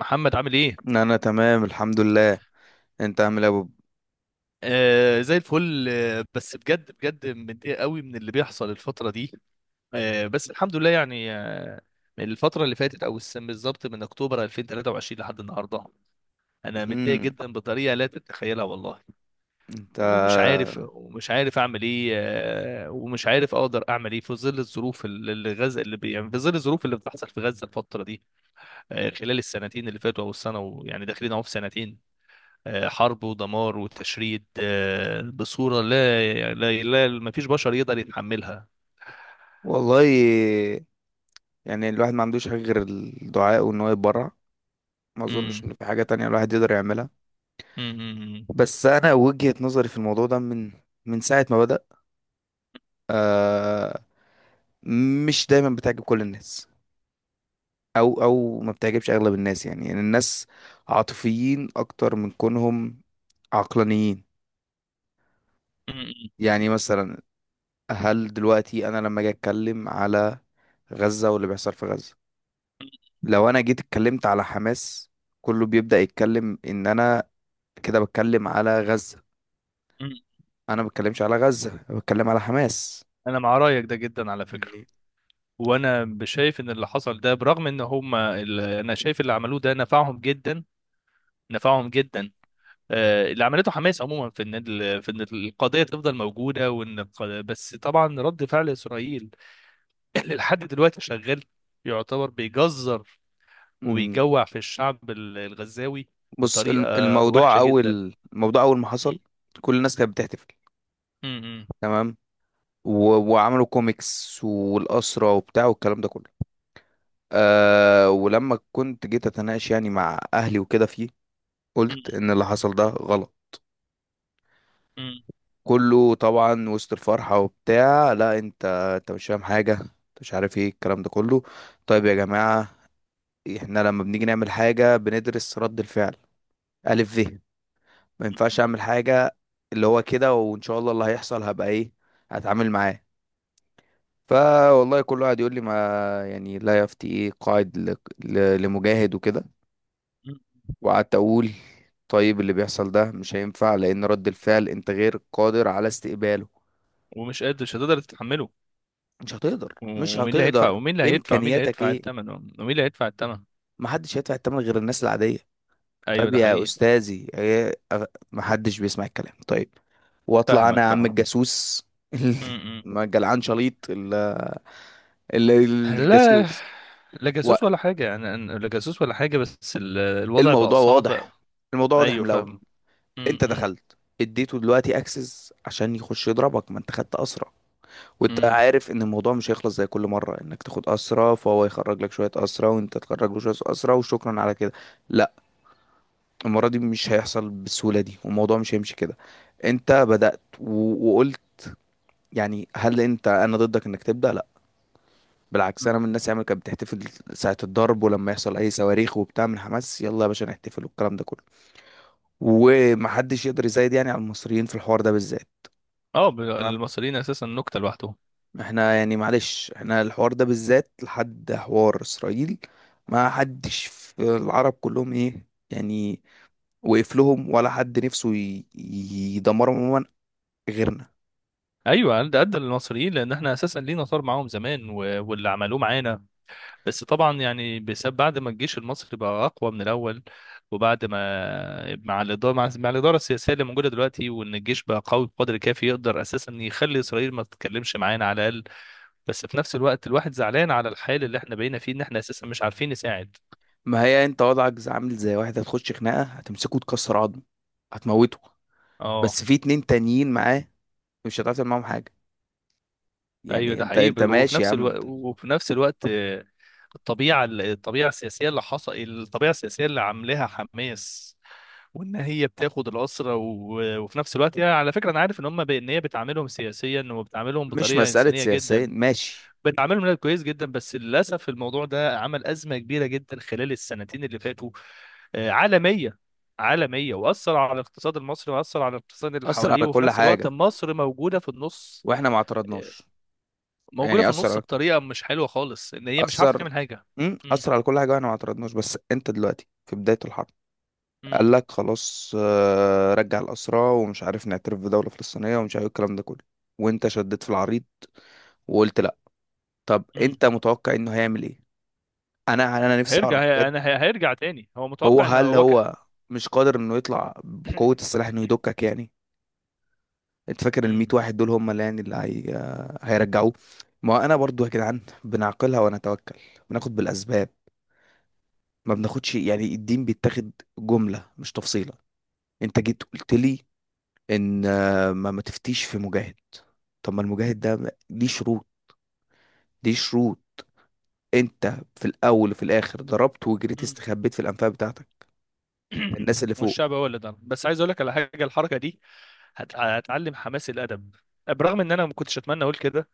محمد عامل ايه؟ انا تمام، الحمد لله. انت عامل ايه يا بوب؟ آه زي الفل. بس بجد بجد متضايق قوي من اللي بيحصل الفترة دي. بس الحمد لله يعني من الفترة اللي فاتت او السنة بالظبط، من اكتوبر 2023 لحد النهاردة. انا متضايق امم جدا بطريقة لا تتخيلها والله. انت ومش عارف اعمل ايه. ومش عارف اقدر اعمل ايه في ظل الظروف اللي اللي غزة اللي بي يعني في ظل الظروف اللي بتحصل في غزة الفترة دي. خلال السنتين اللي فاتوا او السنة ويعني داخلين اهو في سنتين، حرب ودمار وتشريد، بصورة لا لا، لا ما فيش بشر يقدر يتحملها. والله، يعني الواحد ما عندوش حاجه غير الدعاء وان هو يتبرع. ما مم. اظنش ان في حاجه تانية الواحد يقدر يعملها. مم. مم. بس انا وجهة نظري في الموضوع ده من ساعه ما بدأ آه مش دايما بتعجب كل الناس، او ما بتعجبش اغلب الناس، يعني الناس عاطفيين اكتر من كونهم عقلانيين. مم. يعني مثلا، هل دلوقتي انا لما اجي اتكلم على غزة واللي بيحصل في غزة، لو انا جيت اتكلمت على حماس كله بيبدأ يتكلم ان انا كده بتكلم على غزة. مم. انا ما بتكلمش على غزة، أنا بتكلم على حماس انا مع رايك ده جدا على فكرة. يعني. وانا شايف ان اللي حصل ده، برغم ان هم انا شايف اللي عملوه ده نفعهم جدا، نفعهم جدا. اللي عملته حماس عموما في ان في ان القضيه تفضل موجوده، بس طبعا رد فعل اسرائيل اللي لحد دلوقتي شغال يعتبر بيجزر أمم، وبيجوع في الشعب الغزاوي بص، بطريقة الموضوع وحشة جدا. اول الموضوع اول ما حصل كل الناس كانت بتحتفل، م- م- تمام، وعملوا كوميكس والأسرة وبتاع والكلام ده كله. ولما كنت جيت اتناقش يعني مع اهلي وكده فيه، قلت م- ان اللي حصل ده غلط. م- كله طبعا وسط الفرحة وبتاع، لا انت، انت مش فاهم حاجة، انت مش عارف ايه الكلام ده كله. طيب يا جماعة، احنا لما بنيجي نعمل حاجة بندرس رد الفعل. ألف ما ينفعش اعمل حاجة اللي هو كده، وان شاء الله اللي هيحصل هبقى ايه، هتعامل معاه. فوالله كل واحد يقول لي ما يعني لا يفتي ايه قاعد لمجاهد وكده. م. وقعدت اقول، طيب اللي بيحصل ده مش هينفع لان رد الفعل انت غير قادر على استقباله. ومش قادر مش هتقدر تتحمله. مش هتقدر، و- مش ومين اللي هيدفع، هتقدر. ومين اللي هيدفع، ومين اللي امكانياتك هيدفع ايه؟ الثمن، ومين اللي هيدفع الثمن. محدش هيدفع الثمن غير الناس العاديه. ايوه طيب ده يا حقيقي. استاذي، إيه؟ محدش بيسمع الكلام، طيب. واطلع انا فاهمك يا عم فاهمك. الجاسوس. م- م. ما جلعان شليط لا، الجاسوس. لا جاسوس ولا حاجة، لا جاسوس ولا حاجة، بس الوضع بقى والموضوع صعب. واضح، الموضوع واضح أيوه من الاول. فاهم. م- انت م- دخلت اديته دلوقتي اكسس عشان يخش يضربك، ما انت خدت اسرى. وانت م- عارف ان الموضوع مش هيخلص زي كل مره انك تاخد اسرى، فهو يخرج لك شويه اسرى وانت تخرج له شويه اسرى وشكرا على كده. لا، المرة دي مش هيحصل بالسهولة دي والموضوع مش هيمشي كده. انت بدأت وقلت، يعني هل انا ضدك انك تبدأ؟ لا، بالعكس، م. انا من الناس اللي كانت بتحتفل ساعة الضرب. ولما يحصل اي صواريخ وبتاع من حماس يلا يا باشا نحتفل والكلام ده كله. ومحدش يقدر يزايد يعني على المصريين في الحوار ده بالذات، اه. تمام. المصريين أساسا نكتة لوحدهم. احنا يعني معلش احنا الحوار ده بالذات لحد حوار اسرائيل ما حدش في العرب كلهم ايه يعني وقف لهم، ولا حد نفسه يدمرهم عموما غيرنا. ايوه، قد قد المصريين لان احنا اساسا لينا طار معاهم زمان واللي عملوه معانا. بس طبعا يعني بسبب بعد ما الجيش المصري بقى اقوى من الاول، وبعد ما مع الاداره السياسيه اللي موجوده دلوقتي، وان الجيش بقى قوي بقدر كافي يقدر اساسا يخلي اسرائيل ما تتكلمش معانا على الاقل. بس في نفس الوقت الواحد زعلان على الحال اللي احنا بقينا فيه، ان احنا اساسا مش عارفين نساعد. ما هي انت وضعك عامل زي واحد هتخش خناقه هتمسكه تكسر عظمه هتموته، اه. بس في اتنين تانيين معاه مش هتعرف تعمل معاهم حاجه. ايوه يعني ده انت حقيقي. انت وفي ماشي يا نفس عم الوقت انت. وفي نفس الوقت الطبيعه السياسيه اللي عاملاها حماس، وان هي بتاخد الاسرى. وفي نفس الوقت، يعني على فكره، انا عارف ان هم، ان هي بتعاملهم سياسيا، وبتعاملهم مش بطريقه مساله انسانيه سياسيه، جدا، ماشي. بتعاملهم، لا، كويس جدا. بس للاسف الموضوع ده عمل ازمه كبيره جدا خلال السنتين اللي فاتوا، عالميه، عالميه. واثر على الاقتصاد المصري، واثر على الاقتصاد اللي اثر حواليه. على وفي كل نفس الوقت حاجه مصر موجوده في النص، واحنا ما آه، اعترضناش. موجوده يعني في اثر النص على بطريقه مش حلوه خالص، ان هي مش عارفه اثر تعمل حاجه. مم. اثر على كل حاجه واحنا ما اعترضناش، بس انت دلوقتي في بدايه الحرب مم. قال لك خلاص، رجع الاسرى ومش عارف نعترف بدوله فلسطينيه ومش عارف إيه الكلام ده كله. وانت شديت في العريض وقلت لا. طب مم. انت متوقع انه هيعمل ايه؟ انا نفسي هيرجع، اعرف بجد. هيرجع تاني، هو هو متوقع ان هل هو هو مش قادر انه يطلع بقوة السلاح انه يدكك يعني؟ انت فاكر ال 100 مم. واحد دول هم اللي هيرجعوه؟ ما انا برضو يا جدعان بنعقلها ونتوكل، بناخد بالاسباب. ما بناخدش يعني الدين، بيتاخد جملة مش تفصيلة. انت جيت قلت لي ان ما تفتيش في مجاهد. طب ما المجاهد ده ليه شروط، ليه شروط. انت في الاول وفي الاخر ضربت وجريت مم. استخبيت في الانفاق بتاعتك، الناس اللي فوق. والشعب هو اللي ضرب. بس عايز اقول لك على حاجه، الحركه دي هتعلم حماس الادب، برغم ان انا ما كنتش اتمنى اقول كده.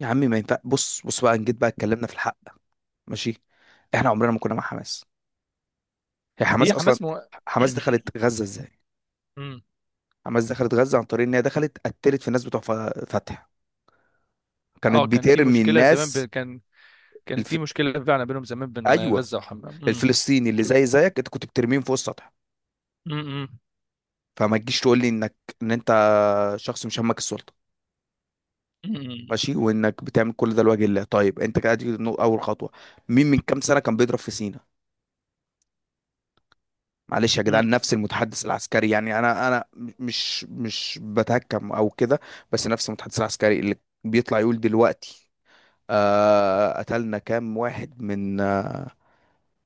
يا عمي ما ينفع، بص بص بقى نجيت بقى اتكلمنا في الحق. ماشي، احنا عمرنا ما كنا مع حماس. هي هي حماس اصلا، حماس حماس دخلت غزة ازاي؟ مم. حماس دخلت غزة عن طريق ان هي دخلت قتلت في الناس بتوع فتح. كانت اه كان في بترمي مشكله زمان الناس. كان الف... في مشكله فعلا بينهم زمان بين ايوه، غزه وحماس. مم. الفلسطيني اللي زي زيك انت كنت بترميهم فوق السطح. مم. فما تجيش تقول لي ان انت شخص مش همك السلطة، مم. ماشي، وانك بتعمل كل ده لوجه الله. طيب، انت كده دي اول خطوة. مين من كام سنة كان بيضرب في سينا؟ معلش يا مم. جدعان، نفس المتحدث العسكري، يعني انا مش بتهكم او كده، بس نفس المتحدث العسكري اللي بيطلع يقول دلوقتي قتلنا كام واحد من آه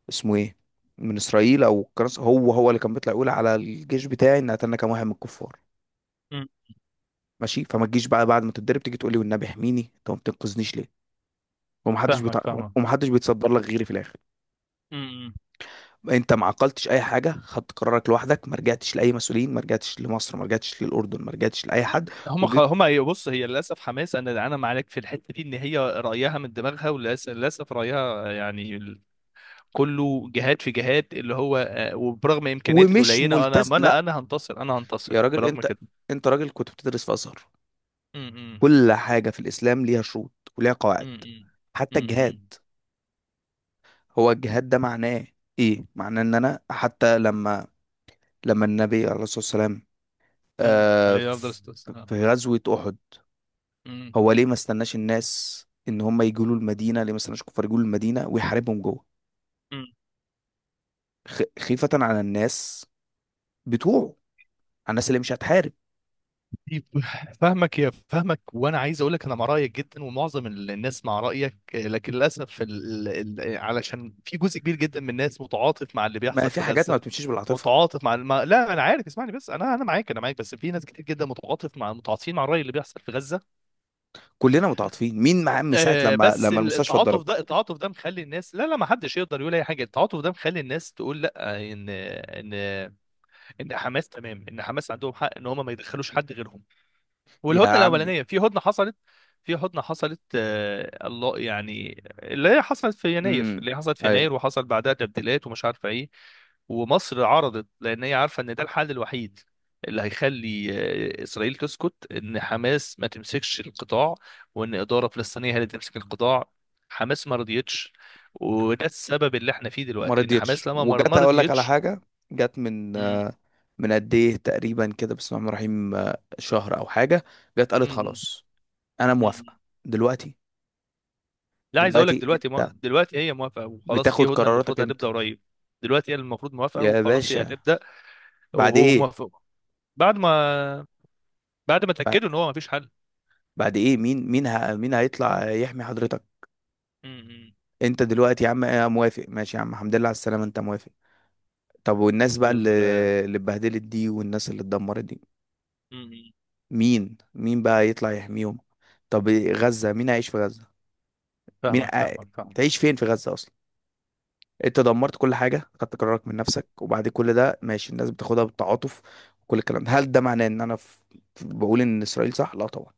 اسمه ايه من اسرائيل او كرس، هو هو اللي كان بيطلع يقول على الجيش بتاعي ان قتلنا كام واحد من الكفار. مم. ماشي، فما تجيش بقى بعد ما تتضرب تيجي تقول لي، والنبي احميني انت ما بتنقذنيش ليه؟ ومحدش بيتع... فاهمك فاهمك. ومحدش بيتصدر لك غيري في الاخر. مم. انت ما عقلتش اي حاجه، خدت قرارك لوحدك، ما رجعتش لاي مسؤولين، ما رجعتش لمصر، ما رجعتش للاردن، ما رجعتش لاي حد هم خ... وجيت، هم هي- بص، هي للاسف حماس، انا معاك في الحته دي، ان هي رايها من دماغها، وللاسف، رايها يعني كله جهاد في جهاد، اللي هو وبرغم امكانياتي ومش القليله، انا ملتزم. ما لا انا هنتصر، انا يا هنتصر راجل برغم انت، كده. انت راجل كنت بتدرس في ازهر، امم. كل حاجه في الاسلام ليها شروط وليها قواعد، امم. حتى الجهاد. امم هو الجهاد ده معناه ايه؟ معناه ان انا حتى لما النبي عليه الصلاه والسلام، آه عليه افضل في الصلاه والسلام. في غزوه احد، أمم. هو ليه ما استناش الناس ان هم يجوا له المدينه، ليه ما استناش الكفار يجوا له المدينه ويحاربهم جوه؟ أمم. خيفة على الناس بتوعه، على الناس اللي مش هتحارب. طيب، فاهمك فاهمك، وانا عايز اقول لك انا مع رايك جدا ومعظم الناس مع رايك. لكن للاسف علشان في جزء كبير جدا من الناس متعاطف مع اللي ما بيحصل في في حاجات ما غزه، بتمشيش بالعاطفه. متعاطف مع لا، انا عارف، اسمعني بس، انا انا معاك، انا معاك. بس في ناس كتير جدا، متعاطفين مع الرأي اللي بيحصل في غزة. كلنا متعاطفين، مين مع عم ساعه لما بس لما المستشفى التعاطف اتضربت؟ ده، التعاطف ده مخلي الناس، لا لا، ما حدش يقدر يقول اي حاجة. التعاطف ده مخلي الناس تقول لا، ان ان حماس تمام، ان حماس عندهم حق ان هم ما يدخلوش حد غيرهم. يا والهدنه عمي. الاولانيه، في هدنه حصلت، في هدنه حصلت، الله، يعني اللي هي حصلت في يناير، امم اللي هي حصلت في ايوه، يناير، وحصل بعدها تبديلات ومش عارفه ايه. ومصر عرضت لان هي عارفه ان ده الحل الوحيد اللي هيخلي اسرائيل تسكت، ان حماس ما تمسكش القطاع، وان اداره فلسطينيه هي اللي تمسك القطاع. حماس ما رضيتش، وده السبب اللي احنا فيه ما دلوقتي، ان رضيتش. حماس لما ما وجت ما اقول لك على رضيتش. حاجه، جت من مم. من قد ايه تقريبا كده، بسم الله الرحمن الرحيم، شهر او حاجه. جت قالت مم. خلاص انا موافقه مم. دلوقتي. لا، عايز اقول لك دلوقتي دلوقتي ما... انت دلوقتي هي موافقه وخلاص، بتاخد في هدنه قراراتك المفروض امتى هتبدا قريب. دلوقتي هي المفروض موافقه، يا وخلاص هي باشا؟ هتبدا، بعد وهو ايه؟ موافق، بعد ما، بعد ما بعد اتاكدوا ان هو ما فيش حل. ايه؟ مين هيطلع يحمي حضرتك؟ امم. انت دلوقتي يا عم موافق، ماشي يا عم، الحمد لله على السلامه، انت موافق. طب والناس بقى اللي ال... اللي اتبهدلت دي، والناس اللي اتدمرت دي، امم. مين بقى يطلع يحميهم؟ طب غزة مين هيعيش في غزة؟ مين فاهمك ع- فاهمك فاهمك. تعيش فين في غزة اصلا؟ انت دمرت كل حاجة، خدت قرارك من نفسك، وبعد كل ده ماشي الناس بتاخدها بالتعاطف. وكل الكلام ده هل ده معناه ان بقول ان اسرائيل صح؟ لا طبعا.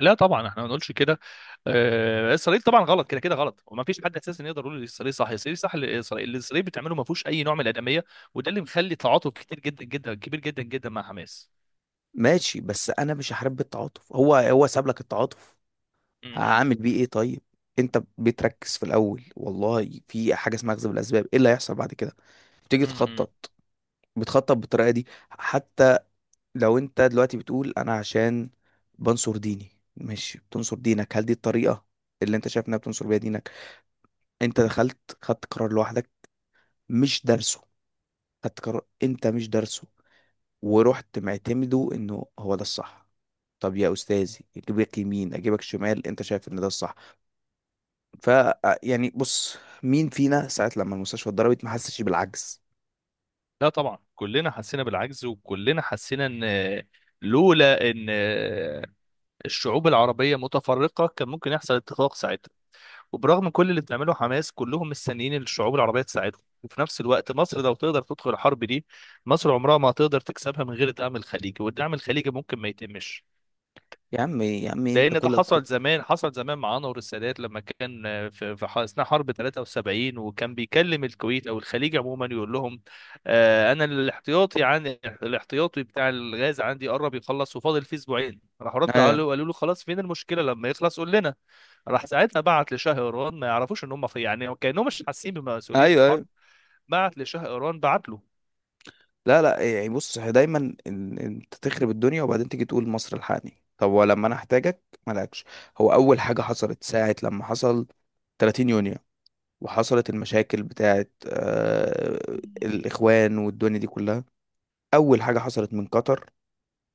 لا طبعا، احنا ما نقولش كده. اسرائيل طبعا غلط، كده كده غلط، وما فيش حد اساسا يقدر يقول اسرائيل صح، اسرائيل صح. اللي اسرائيل بتعمله ما فيهوش اي نوع من الادميه، وده اللي مخلي تعاطف كتير جدا جدا، كبير جدا جدا مع حماس. ماشي، بس انا مش هحارب بالتعاطف. هو هو ساب لك التعاطف، امم. هعمل بيه ايه طيب؟ انت بتركز في الاول والله في حاجة اسمها اخذ بالاسباب. ايه اللي هيحصل بعد كده؟ تيجي امم. تخطط بتخطط بالطريقه دي؟ حتى لو انت دلوقتي بتقول انا عشان بنصر ديني مش بتنصر دينك. هل دي الطريقه اللي انت شايف انها بتنصر بيها دينك؟ انت دخلت، خدت قرار لوحدك مش دارسه، خدت قرار انت مش دارسه، ورحت معتمده انه هو ده الصح. طب يا استاذي اجيبك يمين اجيبك شمال انت شايف ان ده الصح. ف آه، يعني بص، مين فينا ساعه لما المستشفى اتضربت ما حسش بالعجز؟ لا طبعا، كلنا حسينا بالعجز، وكلنا حسينا ان، لولا ان الشعوب العربيه متفرقه، كان ممكن يحصل اتفاق ساعتها. وبرغم كل اللي بتعمله حماس، كلهم مستنيين إن الشعوب العربيه تساعدهم. وفي نفس الوقت مصر لو تقدر تدخل الحرب دي، مصر عمرها ما هتقدر تكسبها من غير دعم الخليجي، والدعم الخليجي ممكن ما يتمش، يا عم يا عم انت لان ده كلك. حصل زمان، حصل زمان مع انور السادات، لما كان في اثناء حرب 73، وكان بيكلم الكويت او الخليج عموما يقول لهم، انا الاحتياطي الاحتياطي بتاع الغاز عندي قرب يخلص، وفاضل فيه اسبوعين. راحوا رد عليه ايوه، وقالوا له خلاص، فين المشكله لما يخلص قول لنا. راح ساعتها بعت لشاه ايران، ما يعرفوش ان هم في، يعني كانهم مش حاسين بمسؤوليه الحرب. ايوه. بعت لشاه ايران، بعت له. لا، لا، يعني بص، هي دايما انت تخرب الدنيا وبعدين تيجي تقول مصر الحقني، طب ولما انا احتاجك مالكش. هو اول حاجه حصلت ساعه لما حصل 30 يونيو وحصلت المشاكل بتاعت مم. الاخوان والدنيا دي كلها، اول حاجه حصلت من قطر.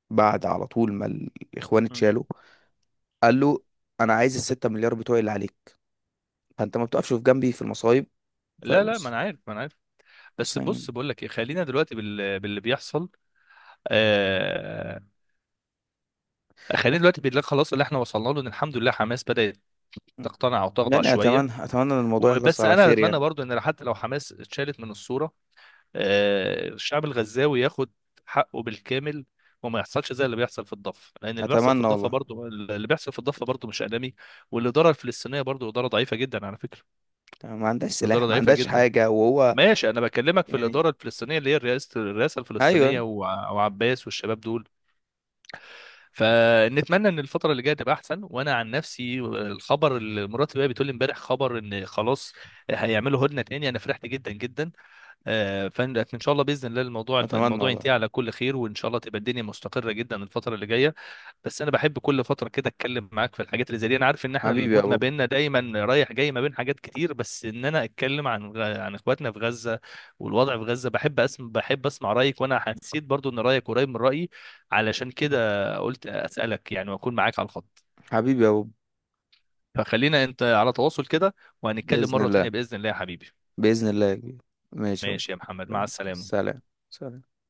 بعد على طول ما الاخوان مم. اتشالوا قال له، انا عايز الـ6 مليار بتوعي اللي عليك. فانت ما بتقفش في جنبي في المصايب. لا لا، ما فبص، انا عارف، ما انا عارف. بص بس يعني، بص بقول لك ايه، خلينا دلوقتي باللي بيحصل. آه... خلينا دلوقتي بالله، خلاص اللي احنا وصلنا له ان الحمد لله حماس بدأت تقتنع وتخضع يعني شويه. اتمنى اتمنى ان الموضوع يخلص وبس على انا خير اتمنى يعني. برضو ان حتى لو حماس اتشالت من الصوره، الشعب الغزاوي ياخد حقه بالكامل، وما يحصلش زي اللي بيحصل في الضفه، لان اللي بيحصل في اتمنى الضفه والله. برضو، اللي بيحصل في الضفه برضو مش آلامي. والاداره الفلسطينيه برضو اداره ضعيفه جدا على فكره، ما عندهاش اداره سلاح ما ضعيفه عندهاش جدا. حاجة وهو ماشي، انا بكلمك في يعني. الاداره الفلسطينيه اللي هي الرئاسه، الفلسطينيه، أيوة. وعباس والشباب دول. فنتمنى ان الفتره اللي جايه تبقى احسن. وانا عن نفسي، الخبر اللي مراتي بقى بتقول لي امبارح، خبر ان خلاص هيعملوا هدنه تاني، انا فرحت جدا جدا. فان شاء الله، باذن الله، الموضوع أتمنى الموضوع ينتهي والله. على كل خير، وان شاء الله تبقى الدنيا مستقره جدا الفتره اللي جايه. بس انا بحب كل فتره كده اتكلم معاك في الحاجات اللي زي دي. انا عارف ان احنا حبيبي يا المود ما بوب، بيننا دايما رايح جاي ما بين حاجات كتير، بس ان انا اتكلم عن اخواتنا في غزه والوضع في غزه. بحب اسمع، بحب اسمع رايك، وانا حسيت برضو ان رايك قريب من رايي، علشان كده قلت اسالك يعني واكون معاك على الخط. حبيبي يا بوب. فخلينا انت على تواصل كده، وهنتكلم بإذن مره تانيه الله، باذن الله يا حبيبي. بإذن الله يا كبير. ماشي يا بوب. ماشي يا محمد، مع تمام. السلامه. سلام. سلام.